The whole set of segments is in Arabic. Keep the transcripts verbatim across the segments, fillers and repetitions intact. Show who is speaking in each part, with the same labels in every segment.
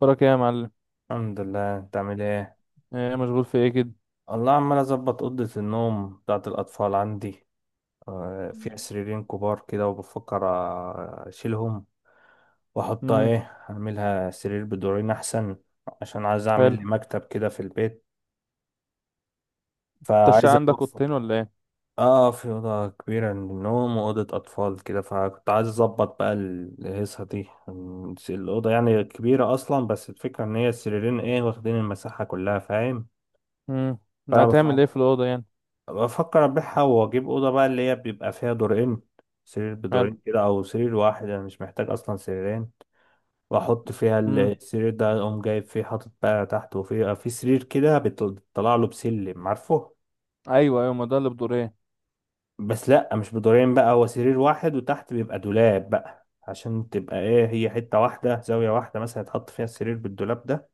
Speaker 1: وراك ايه يا معلم؟
Speaker 2: الحمد لله، انت عامل ايه؟
Speaker 1: ايه مشغول في ايه كده؟
Speaker 2: الله، عمال اظبط اوضه النوم بتاعت الاطفال عندي. آه، فيها سريرين كبار كده، وبفكر آه، اشيلهم واحطها
Speaker 1: امم
Speaker 2: ايه. اعملها سرير بدورين احسن، عشان عايز
Speaker 1: حلو.
Speaker 2: اعمل لي مكتب كده في البيت،
Speaker 1: انت الشقة
Speaker 2: فعايز
Speaker 1: عندك
Speaker 2: اوفر.
Speaker 1: اوضتين ولا ايه؟
Speaker 2: اه، في اوضه كبيره للنوم واوضه اطفال كده، فكنت عايز اظبط بقى الهيصه دي. الاوضه يعني كبيره اصلا، بس الفكره ان هي السريرين ايه، واخدين المساحه كلها، فاهم؟
Speaker 1: امم
Speaker 2: فانا
Speaker 1: هتعمل
Speaker 2: بفكر.
Speaker 1: ايه في الاوضه يعني؟
Speaker 2: بفكر ابيعها واجيب اوضه بقى اللي هي بيبقى فيها دورين، سرير
Speaker 1: حلو.
Speaker 2: بدورين كده، او سرير واحد. انا مش محتاج اصلا سريرين. واحط فيها
Speaker 1: امم
Speaker 2: السرير ده، اقوم جايب فيه حاطط بقى تحت، وفيه في سرير كده بيطلع له بسلم، عارفه؟
Speaker 1: ايوه ايوه، ما ده اللي بدورين.
Speaker 2: بس لا، مش بدورين بقى، هو سرير واحد وتحت بيبقى دولاب بقى، عشان تبقى ايه، هي حته واحده، زاويه واحده مثلا، يتحط فيها السرير بالدولاب ده.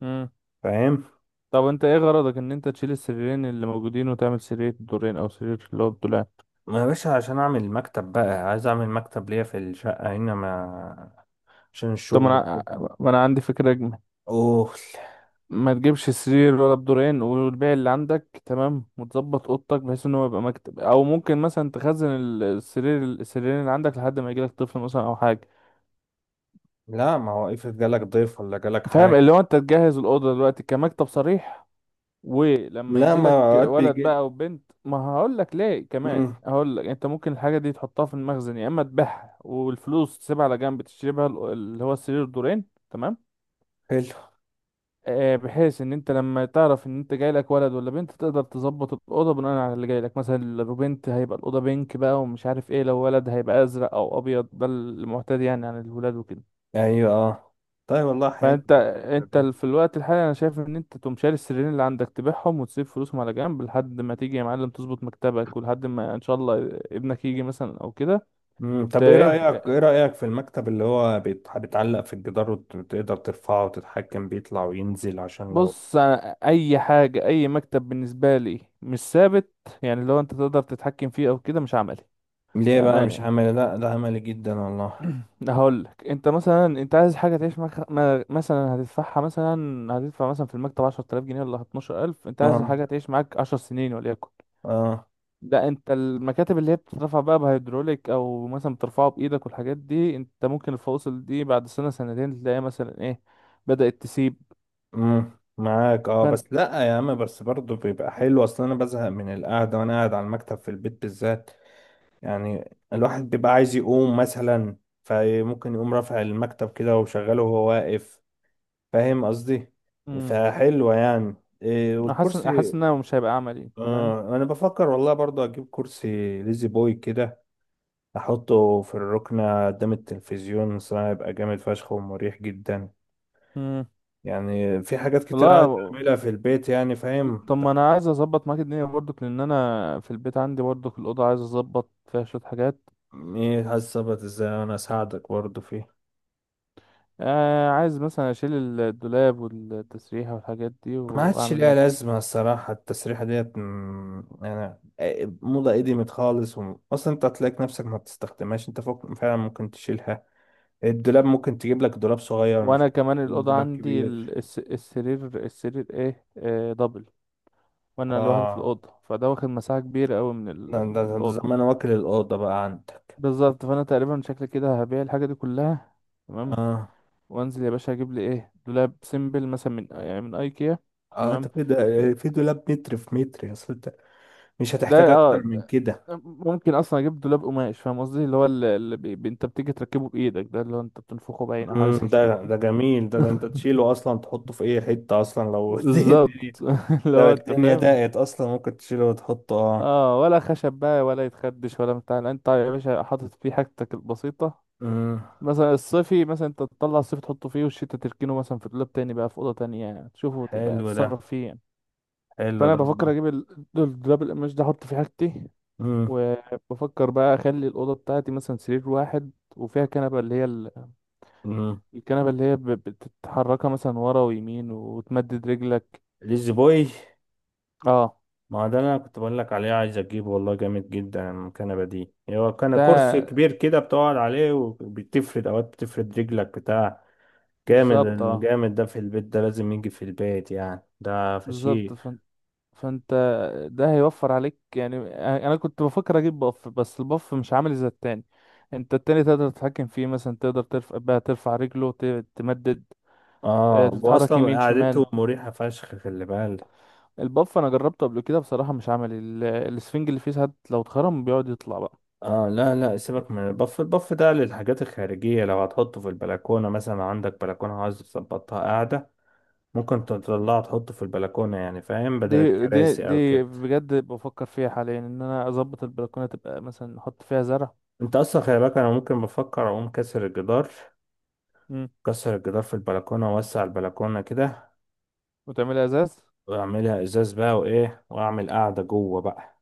Speaker 1: امم
Speaker 2: فاهم؟
Speaker 1: طب انت ايه غرضك ان انت تشيل السريرين اللي موجودين وتعمل سرير بدورين او سرير اللي هو بدولاب؟
Speaker 2: ما يا باشا، عشان اعمل مكتب بقى، عايز اعمل مكتب ليا في الشقه هنا، ما عشان
Speaker 1: طب ما
Speaker 2: الشغل
Speaker 1: انا
Speaker 2: وكده.
Speaker 1: ما انا عندي فكره اجمل.
Speaker 2: اوه.
Speaker 1: ما تجيبش سرير ولا بدورين، والبيع اللي عندك تمام، وتظبط اوضتك بحيث ان هو يبقى مكتب، او ممكن مثلا تخزن ال- السرير السريرين اللي عندك لحد ما يجيلك طفل مثلا او حاجه.
Speaker 2: لا، ما هو افرض جالك ضيف ولا جالك
Speaker 1: فاهم؟
Speaker 2: حاجة.
Speaker 1: اللي هو انت تجهز الاوضه دلوقتي كمكتب صريح، ولما
Speaker 2: لا،
Speaker 1: يجي
Speaker 2: ما
Speaker 1: لك
Speaker 2: اوقات
Speaker 1: ولد
Speaker 2: بيجي.
Speaker 1: بقى او بنت، ما هقول لك ليه كمان،
Speaker 2: امم.
Speaker 1: هقول لك انت ممكن الحاجه دي تحطها في المخزن يا اما تبيعها والفلوس تسيبها على جنب تشتري بها ال- اللي هو السرير دورين. تمام.
Speaker 2: حلو.
Speaker 1: آه، بحيث ان انت لما تعرف ان انت جاي لك ولد ولا بنت تقدر تظبط الاوضه بناء على اللي جاي لك. مثلا لو بنت هيبقى الاوضه بينك بقى ومش عارف ايه، لو ولد هيبقى ازرق او ابيض، ده المعتاد يعني عن الولاد وكده.
Speaker 2: ايوه اه. طيب والله
Speaker 1: ما
Speaker 2: حلو.
Speaker 1: انت انت ال- في الوقت الحالي انا شايف ان انت تقوم شاري السريرين اللي عندك تبيعهم وتسيب فلوسهم على جنب لحد ما تيجي يا معلم تظبط مكتبك، ولحد ما ان شاء الله ابنك يجي مثلا او كده.
Speaker 2: امم.
Speaker 1: ت-
Speaker 2: طب ايه رأيك،
Speaker 1: ايه؟
Speaker 2: ايه رأيك في المكتب اللي هو بيت- بيتعلق في الجدار، وتقدر ترفعه وتتحكم بيطلع وينزل، عشان لو.
Speaker 1: بص انا، اي حاجه اي مكتب بالنسبه لي مش ثابت، يعني لو انت تقدر تتحكم فيه او كده مش عملي.
Speaker 2: ليه بقى
Speaker 1: بامانه
Speaker 2: مش
Speaker 1: يعني،
Speaker 2: عملي؟ لا، ده عملي جدا والله.
Speaker 1: هقول لك انت مثلا، انت عايز حاجه تعيش معاك، ما- مثلا هتدفعها مثلا، هتدفع مثلا في المكتب عشر تلاف جنيه ولا اتناشر ألف، انت عايز
Speaker 2: اه.
Speaker 1: حاجه تعيش معاك عشر سنين وليكن.
Speaker 2: اه.
Speaker 1: لا، انت المكاتب اللي هي بتترفع بقى بهيدروليك او مثلا بترفعه بايدك والحاجات دي، انت ممكن الفواصل دي بعد سنة سنتين تلاقيها مثلا ايه، بدأت تسيب.
Speaker 2: امم. معاك اه،
Speaker 1: فانت
Speaker 2: بس لا يا عم، بس برضه بيبقى حلو، اصل انا بزهق من القعدة وانا قاعد على المكتب في البيت بالذات. يعني الواحد بيبقى عايز يقوم مثلا، فممكن يقوم رافع المكتب كده وشغله وهو واقف، فاهم قصدي؟
Speaker 1: مم.
Speaker 2: فحلوة يعني. إيه
Speaker 1: احس احس
Speaker 2: والكرسي؟
Speaker 1: انها مش هيبقى عملي، انت فاهم؟
Speaker 2: آه، انا بفكر والله برضو اجيب كرسي ليزي بوي كده، احطه في الركنة قدام التلفزيون، صراحة يبقى جامد فشخ ومريح جدا.
Speaker 1: مم.
Speaker 2: يعني في حاجات كتير عايز
Speaker 1: والله
Speaker 2: اعملها في البيت يعني، فاهم؟
Speaker 1: طب ما انا عايز اظبط معاك الدنيا برضك، لان انا في البيت عندي برضك الاوضه عايز اظبط فيها شويه حاجات.
Speaker 2: طب ايه هظبط ازاي، انا اساعدك برضو فيه.
Speaker 1: آه، عايز مثلا اشيل الدولاب والتسريحه والحاجات دي
Speaker 2: ما عادش
Speaker 1: واعمل
Speaker 2: ليها
Speaker 1: مكتب.
Speaker 2: لازمة الصراحة، التسريحة ديت مم، يعني إيه، موضة قديمت خالص، وم- أصلا أنت هتلاقي نفسك ما بتستخدمهاش. أنت فوق فعلا ممكن تشيلها. الدولاب ممكن تجيب لك دولاب صغير، مش
Speaker 1: وانا كمان الاوضه
Speaker 2: دولاب
Speaker 1: عندي
Speaker 2: كبير.
Speaker 1: ال- الس- السرير، السرير ايه، آه، دبل، وانا لوحدي في
Speaker 2: آه،
Speaker 1: الاوضه، فده واخد مساحه كبيره قوي من, ال...
Speaker 2: ده, ده,
Speaker 1: من
Speaker 2: ده
Speaker 1: الاوضه.
Speaker 2: زمان واكل الأوضة بقى عندك.
Speaker 1: بالظبط. فانا تقريبا شكل كده هبيع الحاجه دي كلها. تمام.
Speaker 2: آه.
Speaker 1: وانزل يا باشا اجيب لي ايه، دولاب سيمبل مثلا من يعني من ايكيا.
Speaker 2: آه، ده
Speaker 1: تمام.
Speaker 2: كده. في دولاب متر في متر، يا أصل أنت مش
Speaker 1: ده
Speaker 2: هتحتاج أكتر
Speaker 1: اه
Speaker 2: من كده.
Speaker 1: ممكن اصلا اجيب دولاب قماش، فاهم قصدي؟ اللي هو اللي, اللي بي... بي- انت بتيجي تركبه بايدك، ده اللي هو انت بتنفخه باين او حاجه
Speaker 2: مم،
Speaker 1: زي كده.
Speaker 2: ده ده جميل، ده, ده أنت تشيله أصلا، تحطه في أي حتة أصلا لو الدنيا.
Speaker 1: بالظبط. اللي
Speaker 2: لو
Speaker 1: هو انت
Speaker 2: الدنيا
Speaker 1: فاهم.
Speaker 2: ضاقت اصلا ممكن تشيله وتحطه، اه.
Speaker 1: اه، ولا خشب بقى ولا يتخدش ولا بتاع، لا، انت يا باشا حاطط فيه حاجتك البسيطة.
Speaker 2: امم.
Speaker 1: مثلا الصيفي، مثلا انت تطلع الصيف تحطه فيه والشتا تركنه مثلا في دولاب تاني بقى في اوضه تانية، يعني تشوفه، تبقى
Speaker 2: حلو ده.
Speaker 1: تتصرف فيه يعني.
Speaker 2: حلو
Speaker 1: فانا
Speaker 2: ده والله.
Speaker 1: بفكر اجيب ال- الدولاب القماش ده احط فيه حاجتي.
Speaker 2: امم.
Speaker 1: وبفكر بقى اخلي الاوضه بتاعتي مثلا سرير واحد، وفيها كنبه، اللي هي ال-
Speaker 2: امم.
Speaker 1: الكنبه اللي هي ب- بتتحركها مثلا ورا ويمين وتمدد رجلك.
Speaker 2: ليزي بوي.
Speaker 1: اه،
Speaker 2: ما هو ده اللي انا كنت بقول لك عليه، عايز اجيبه والله، جامد جدا المكنبه دي. هو كان كرسي
Speaker 1: ده
Speaker 2: كبير كده بتقعد عليه، وبتفرد اوقات، بتفرد رجلك بتاع. جامد.
Speaker 1: بالظبط اه.
Speaker 2: الجامد ده في البيت، ده لازم يجي في البيت يعني، ده
Speaker 1: بالظبط.
Speaker 2: فشيخ.
Speaker 1: فانت ده هيوفر عليك يعني. انا كنت بفكر اجيب باف، بس الباف مش عامل زي التاني. انت التاني تقدر تتحكم فيه، مثلا تقدر ترفع بقى، ترفع رجله، ت- تمدد، آه،
Speaker 2: اه،
Speaker 1: تتحرك
Speaker 2: واصلا
Speaker 1: يمين شمال.
Speaker 2: قعدته مريحه فشخ، خلي بالك.
Speaker 1: الباف انا جربته قبل كده، بصراحة مش عملي، ال- السفنج اللي فيه ساعات لو اتخرم بيقعد يطلع بقى.
Speaker 2: اه، لا لا سيبك من البف، البف ده للحاجات الخارجية. لو هتحطه في البلكونة مثلا، عندك بلكونة عايز تظبطها قاعدة، ممكن تطلعه تحطه في البلكونة يعني، فاهم، بدل
Speaker 1: دي دي
Speaker 2: الكراسي او
Speaker 1: دي
Speaker 2: كده.
Speaker 1: بجد بفكر فيها حاليا ان انا اظبط البلكونه، تبقى مثلا نحط فيها زرع.
Speaker 2: انت اصلا خلي بالك، انا ممكن بفكر اقوم كسر الجدار،
Speaker 1: مم.
Speaker 2: كسر الجدار في البلكونة، واوسع البلكونة كده،
Speaker 1: وتعملها ازاز.
Speaker 2: واعملها ازاز بقى وايه، واعمل قاعدة جوه بقى.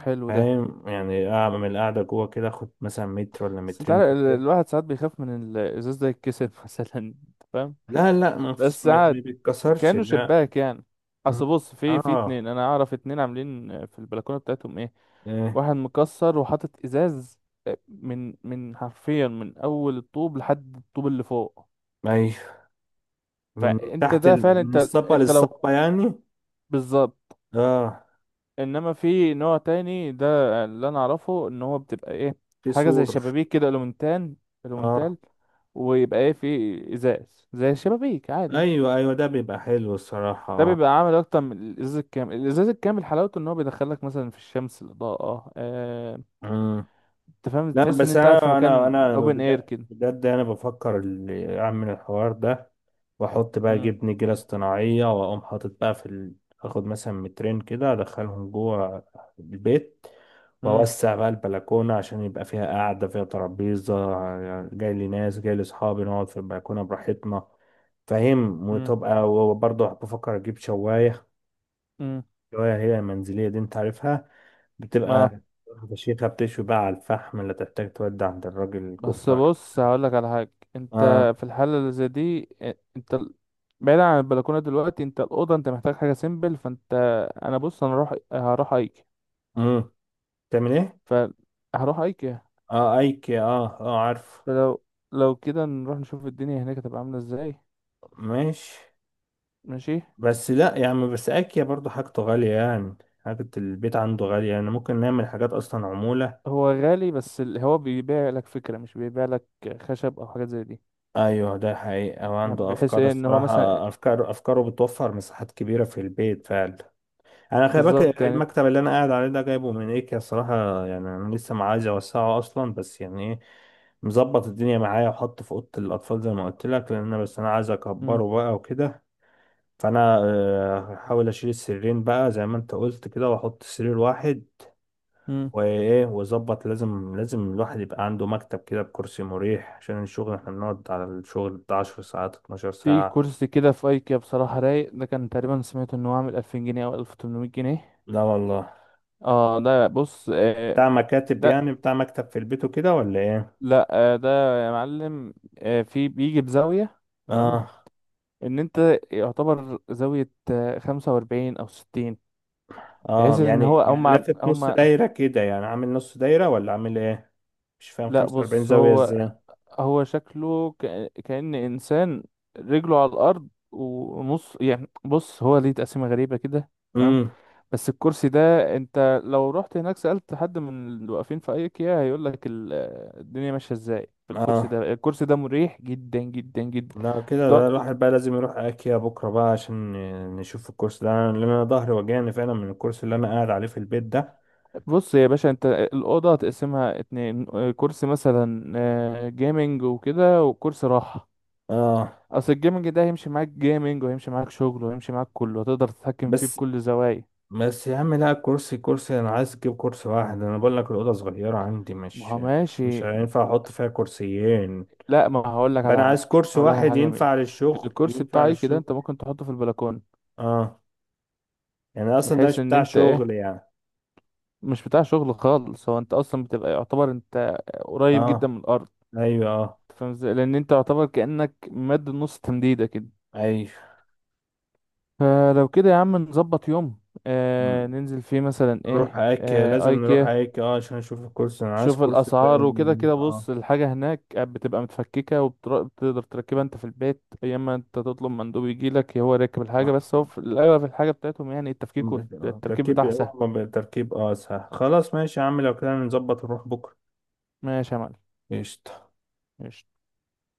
Speaker 1: حلو ده.
Speaker 2: فاهم يعني، اعمل قاعدة جوه كده، اخد مثلا متر ولا
Speaker 1: بس انت
Speaker 2: مترين
Speaker 1: عارف
Speaker 2: في
Speaker 1: ال-
Speaker 2: البيت.
Speaker 1: الواحد ساعات بيخاف من ال- الازاز ده يتكسر مثلا، انت فاهم.
Speaker 2: لا لا، ما فيش،
Speaker 1: بس
Speaker 2: ما ما
Speaker 1: عاد
Speaker 2: بيتكسرش،
Speaker 1: كانوا
Speaker 2: لا.
Speaker 1: شباك يعني. اصل بص، في في
Speaker 2: اه.
Speaker 1: اتنين، انا اعرف اتنين عاملين في البلكونه بتاعتهم ايه،
Speaker 2: إيه.
Speaker 1: واحد مكسر وحاطط ازاز، آه، من من حرفيا من اول الطوب لحد الطوب اللي فوق.
Speaker 2: ما من من
Speaker 1: فانت
Speaker 2: تحت
Speaker 1: ده فعلا
Speaker 2: ال... من
Speaker 1: انت،
Speaker 2: الصبة
Speaker 1: انت لو،
Speaker 2: للصبة يعني.
Speaker 1: بالظبط.
Speaker 2: اه،
Speaker 1: انما في نوع تاني ده اللي انا اعرفه ان هو بتبقى ايه،
Speaker 2: في
Speaker 1: حاجه زي
Speaker 2: سور.
Speaker 1: شبابيك كده الومنتال،
Speaker 2: اه
Speaker 1: الومنتال، ويبقى ايه، في ازاز زي الشبابيك عادي.
Speaker 2: ايوه ايوه، ده بيبقى حلو الصراحة،
Speaker 1: ده
Speaker 2: اه.
Speaker 1: بيبقى عامل اكتر من الازاز الكامل. الازاز الكامل حلاوته ان هو بيدخلك مثلا في الشمس، الاضاءه، آه، آه،
Speaker 2: مم.
Speaker 1: انت فاهم،
Speaker 2: لا،
Speaker 1: تحس ان
Speaker 2: بس
Speaker 1: انت قاعد في
Speaker 2: انا انا
Speaker 1: مكان
Speaker 2: انا
Speaker 1: اوبن اير
Speaker 2: بجد
Speaker 1: كده.
Speaker 2: بجد انا بفكر ال- اعمل الحوار ده، واحط بقى
Speaker 1: مم.
Speaker 2: جبن، جبنة اصطناعية، واقوم حاطط بقى في ال... اخد مثلا مترين كده، ادخلهم جوه البيت،
Speaker 1: مم.
Speaker 2: واوسع بقى البلكونة، عشان يبقى فيها قعدة، فيها ترابيزة، جاي لي ناس، جاي لي صحابي، نقعد في البلكونة براحتنا، فاهم؟
Speaker 1: مم.
Speaker 2: وتبقى، وبرضه بفكر اجيب شواية.
Speaker 1: مم.
Speaker 2: شواية هي المنزلية دي انت عارفها،
Speaker 1: ما
Speaker 2: بتبقى فشيخة، بتشوي بقى على الفحم، لا تحتاج تودي عند الراجل
Speaker 1: بس
Speaker 2: الكفتة.
Speaker 1: بص هقول لك على حاجه. انت
Speaker 2: اه.
Speaker 1: في الحاله اللي زي دي، آه، انت ال- بعيد عن البلكونه دلوقتي، انت الاوضه انت محتاج حاجه سيمبل. فانت، انا بص انا هروح هروح ايكيا.
Speaker 2: امم. تعمل ايه؟
Speaker 1: ف هروح ايكيا.
Speaker 2: اه، ايكي، اه اه عارف.
Speaker 1: فلو لو كده نروح نشوف الدنيا هناك هتبقى عامله ازاي.
Speaker 2: ماشي.
Speaker 1: ماشي.
Speaker 2: بس لا يعني، بس اكيا برضو حاجته غالية يعني، حاجة البيت عنده غالية يعني، ممكن نعمل حاجات اصلا عمولة.
Speaker 1: هو غالي، بس ال- هو بيبيع لك فكرة، مش بيبيع لك خشب او حاجات زي دي.
Speaker 2: ايوه، ده حقيقة،
Speaker 1: يعني
Speaker 2: وعنده
Speaker 1: بحيث
Speaker 2: افكار
Speaker 1: ايه ان هو مثلا،
Speaker 2: الصراحة، افكار، افكاره بتوفر مساحات كبيرة في البيت فعلا. انا خلي بالك،
Speaker 1: بالظبط يعني انت،
Speaker 2: المكتب اللي انا قاعد عليه ده جايبه من ايكيا الصراحة يعني، انا لسه ما عايز اوسعه اصلا، بس يعني ايه، مظبط الدنيا معايا. وحطه في اوضة الاطفال زي ما قلت لك، لان أنا- بس انا عايز
Speaker 1: مم.
Speaker 2: اكبره بقى وكده. فانا آه، هحاول اشيل السريرين بقى زي ما انت قلت كده، واحط سرير واحد
Speaker 1: مم.
Speaker 2: وايه، وظبط. لازم، لازم الواحد يبقى عنده مكتب كده بكرسي مريح عشان الشغل، احنا بنقعد على الشغل بتاع عشر ساعات، اتناشر
Speaker 1: في
Speaker 2: ساعة.
Speaker 1: كرسي كده في ايكيا بصراحة رايق، ده كان تقريبا سمعت انه عامل ألفين جنيه او ألف وتمنمية جنيه.
Speaker 2: لا والله.
Speaker 1: اه ده بص، آه
Speaker 2: بتاع مكاتب يعني،
Speaker 1: ده
Speaker 2: بتاع مكتب في البيت وكده، ولا ايه؟
Speaker 1: لا، آه ده يا معلم، آه في بيجي بزاوية. تمام.
Speaker 2: اه.
Speaker 1: ان انت يعتبر زاوية آه خمسة وأربعين او ستين، بحيث
Speaker 2: اه،
Speaker 1: ان هو
Speaker 2: يعني،
Speaker 1: هم
Speaker 2: يعني لافف نص
Speaker 1: هم
Speaker 2: دايرة كده يعني، عامل نص دايرة ولا عامل ايه؟ مش فاهم
Speaker 1: لا
Speaker 2: خمسة واربعين
Speaker 1: بص،
Speaker 2: زاوية
Speaker 1: هو
Speaker 2: ازاي.
Speaker 1: هو شكله كأ- كأن إنسان رجله على الأرض ونص، يعني بص هو ليه تقسيمة غريبة كده. تمام.
Speaker 2: امم.
Speaker 1: بس الكرسي ده، انت لو رحت هناك سألت حد من اللي واقفين في ايكيا هيقول لك الدنيا ماشية ازاي في الكرسي
Speaker 2: اه،
Speaker 1: ده. الكرسي ده مريح جدا جدا جدا.
Speaker 2: لا كده ده
Speaker 1: تقعد-
Speaker 2: الواحد بقى لازم يروح اكيا بكرة بقى، عشان ن- نشوف الكورس ده، لان انا ظهري وجعني فعلا من الكورس اللي انا قاعد عليه في البيت ده.
Speaker 1: بص يا باشا، انت الأوضة هتقسمها اتنين، آه، كرسي مثلا آه جيمنج وكده، وكرسي راحة.
Speaker 2: اه.
Speaker 1: اصل الجيمنج ده هيمشي معاك جيمنج، وهيمشي معاك شغل، وهيمشي معاك كله، هتقدر تتحكم فيه
Speaker 2: بس
Speaker 1: بكل زوايا.
Speaker 2: بس يا عم لا، كرسي، كرسي انا عايز اجيب كرسي واحد. انا بقول لك الاوضه صغيره عندي،
Speaker 1: ما
Speaker 2: مش
Speaker 1: هو
Speaker 2: مش مش
Speaker 1: ماشي.
Speaker 2: هينفع احط فيها كرسيين.
Speaker 1: لا، ما هقول لك
Speaker 2: فانا
Speaker 1: على حاجه.
Speaker 2: عايز كرسي
Speaker 1: هقول لك على
Speaker 2: واحد
Speaker 1: حاجه جميله،
Speaker 2: ينفع للشغل،
Speaker 1: الكرسي
Speaker 2: ينفع
Speaker 1: بتاعي كده
Speaker 2: للشغل.
Speaker 1: انت ممكن تحطه في البلكونه،
Speaker 2: اه، يعني اصلا ده
Speaker 1: بحيث
Speaker 2: مش
Speaker 1: ان
Speaker 2: بتاع
Speaker 1: انت
Speaker 2: شغل
Speaker 1: ايه،
Speaker 2: يعني.
Speaker 1: مش بتاع شغل خالص، هو انت اصلا بتبقى يعتبر انت قريب جدا
Speaker 2: اه
Speaker 1: من الارض،
Speaker 2: ايوه اه.
Speaker 1: فاهم ازاي؟ لان انت يعتبر كانك مد نص تمديده كده.
Speaker 2: ايوه.
Speaker 1: فلو كده يا عم نظبط يوم، آه
Speaker 2: م-
Speaker 1: ننزل فيه مثلا
Speaker 2: نروح
Speaker 1: ايه،
Speaker 2: ايكيا،
Speaker 1: آه
Speaker 2: لازم نروح
Speaker 1: ايكيا،
Speaker 2: ايكيا اه، عشان نشوف الكرسي، انا عايز
Speaker 1: شوف
Speaker 2: كرسي
Speaker 1: الاسعار وكده
Speaker 2: فعلا،
Speaker 1: كده.
Speaker 2: اه.
Speaker 1: بص، الحاجه هناك بتبقى متفككه وبتقدر تركبها انت في البيت، يا اما انت تطلب مندوب يجي لك هو راكب الحاجه،
Speaker 2: آه.
Speaker 1: بس هو في الاغلب الحاجه بتاعتهم يعني التفكيك
Speaker 2: م-
Speaker 1: والتركيب
Speaker 2: تركيب
Speaker 1: بتاعها سهل.
Speaker 2: هو ب- تركيب، اه سهل، خلاص ماشي يا عم، لو كده نظبط نروح بكره.
Speaker 1: ماشي يا معلم.
Speaker 2: قشطة.
Speaker 1: ماشي.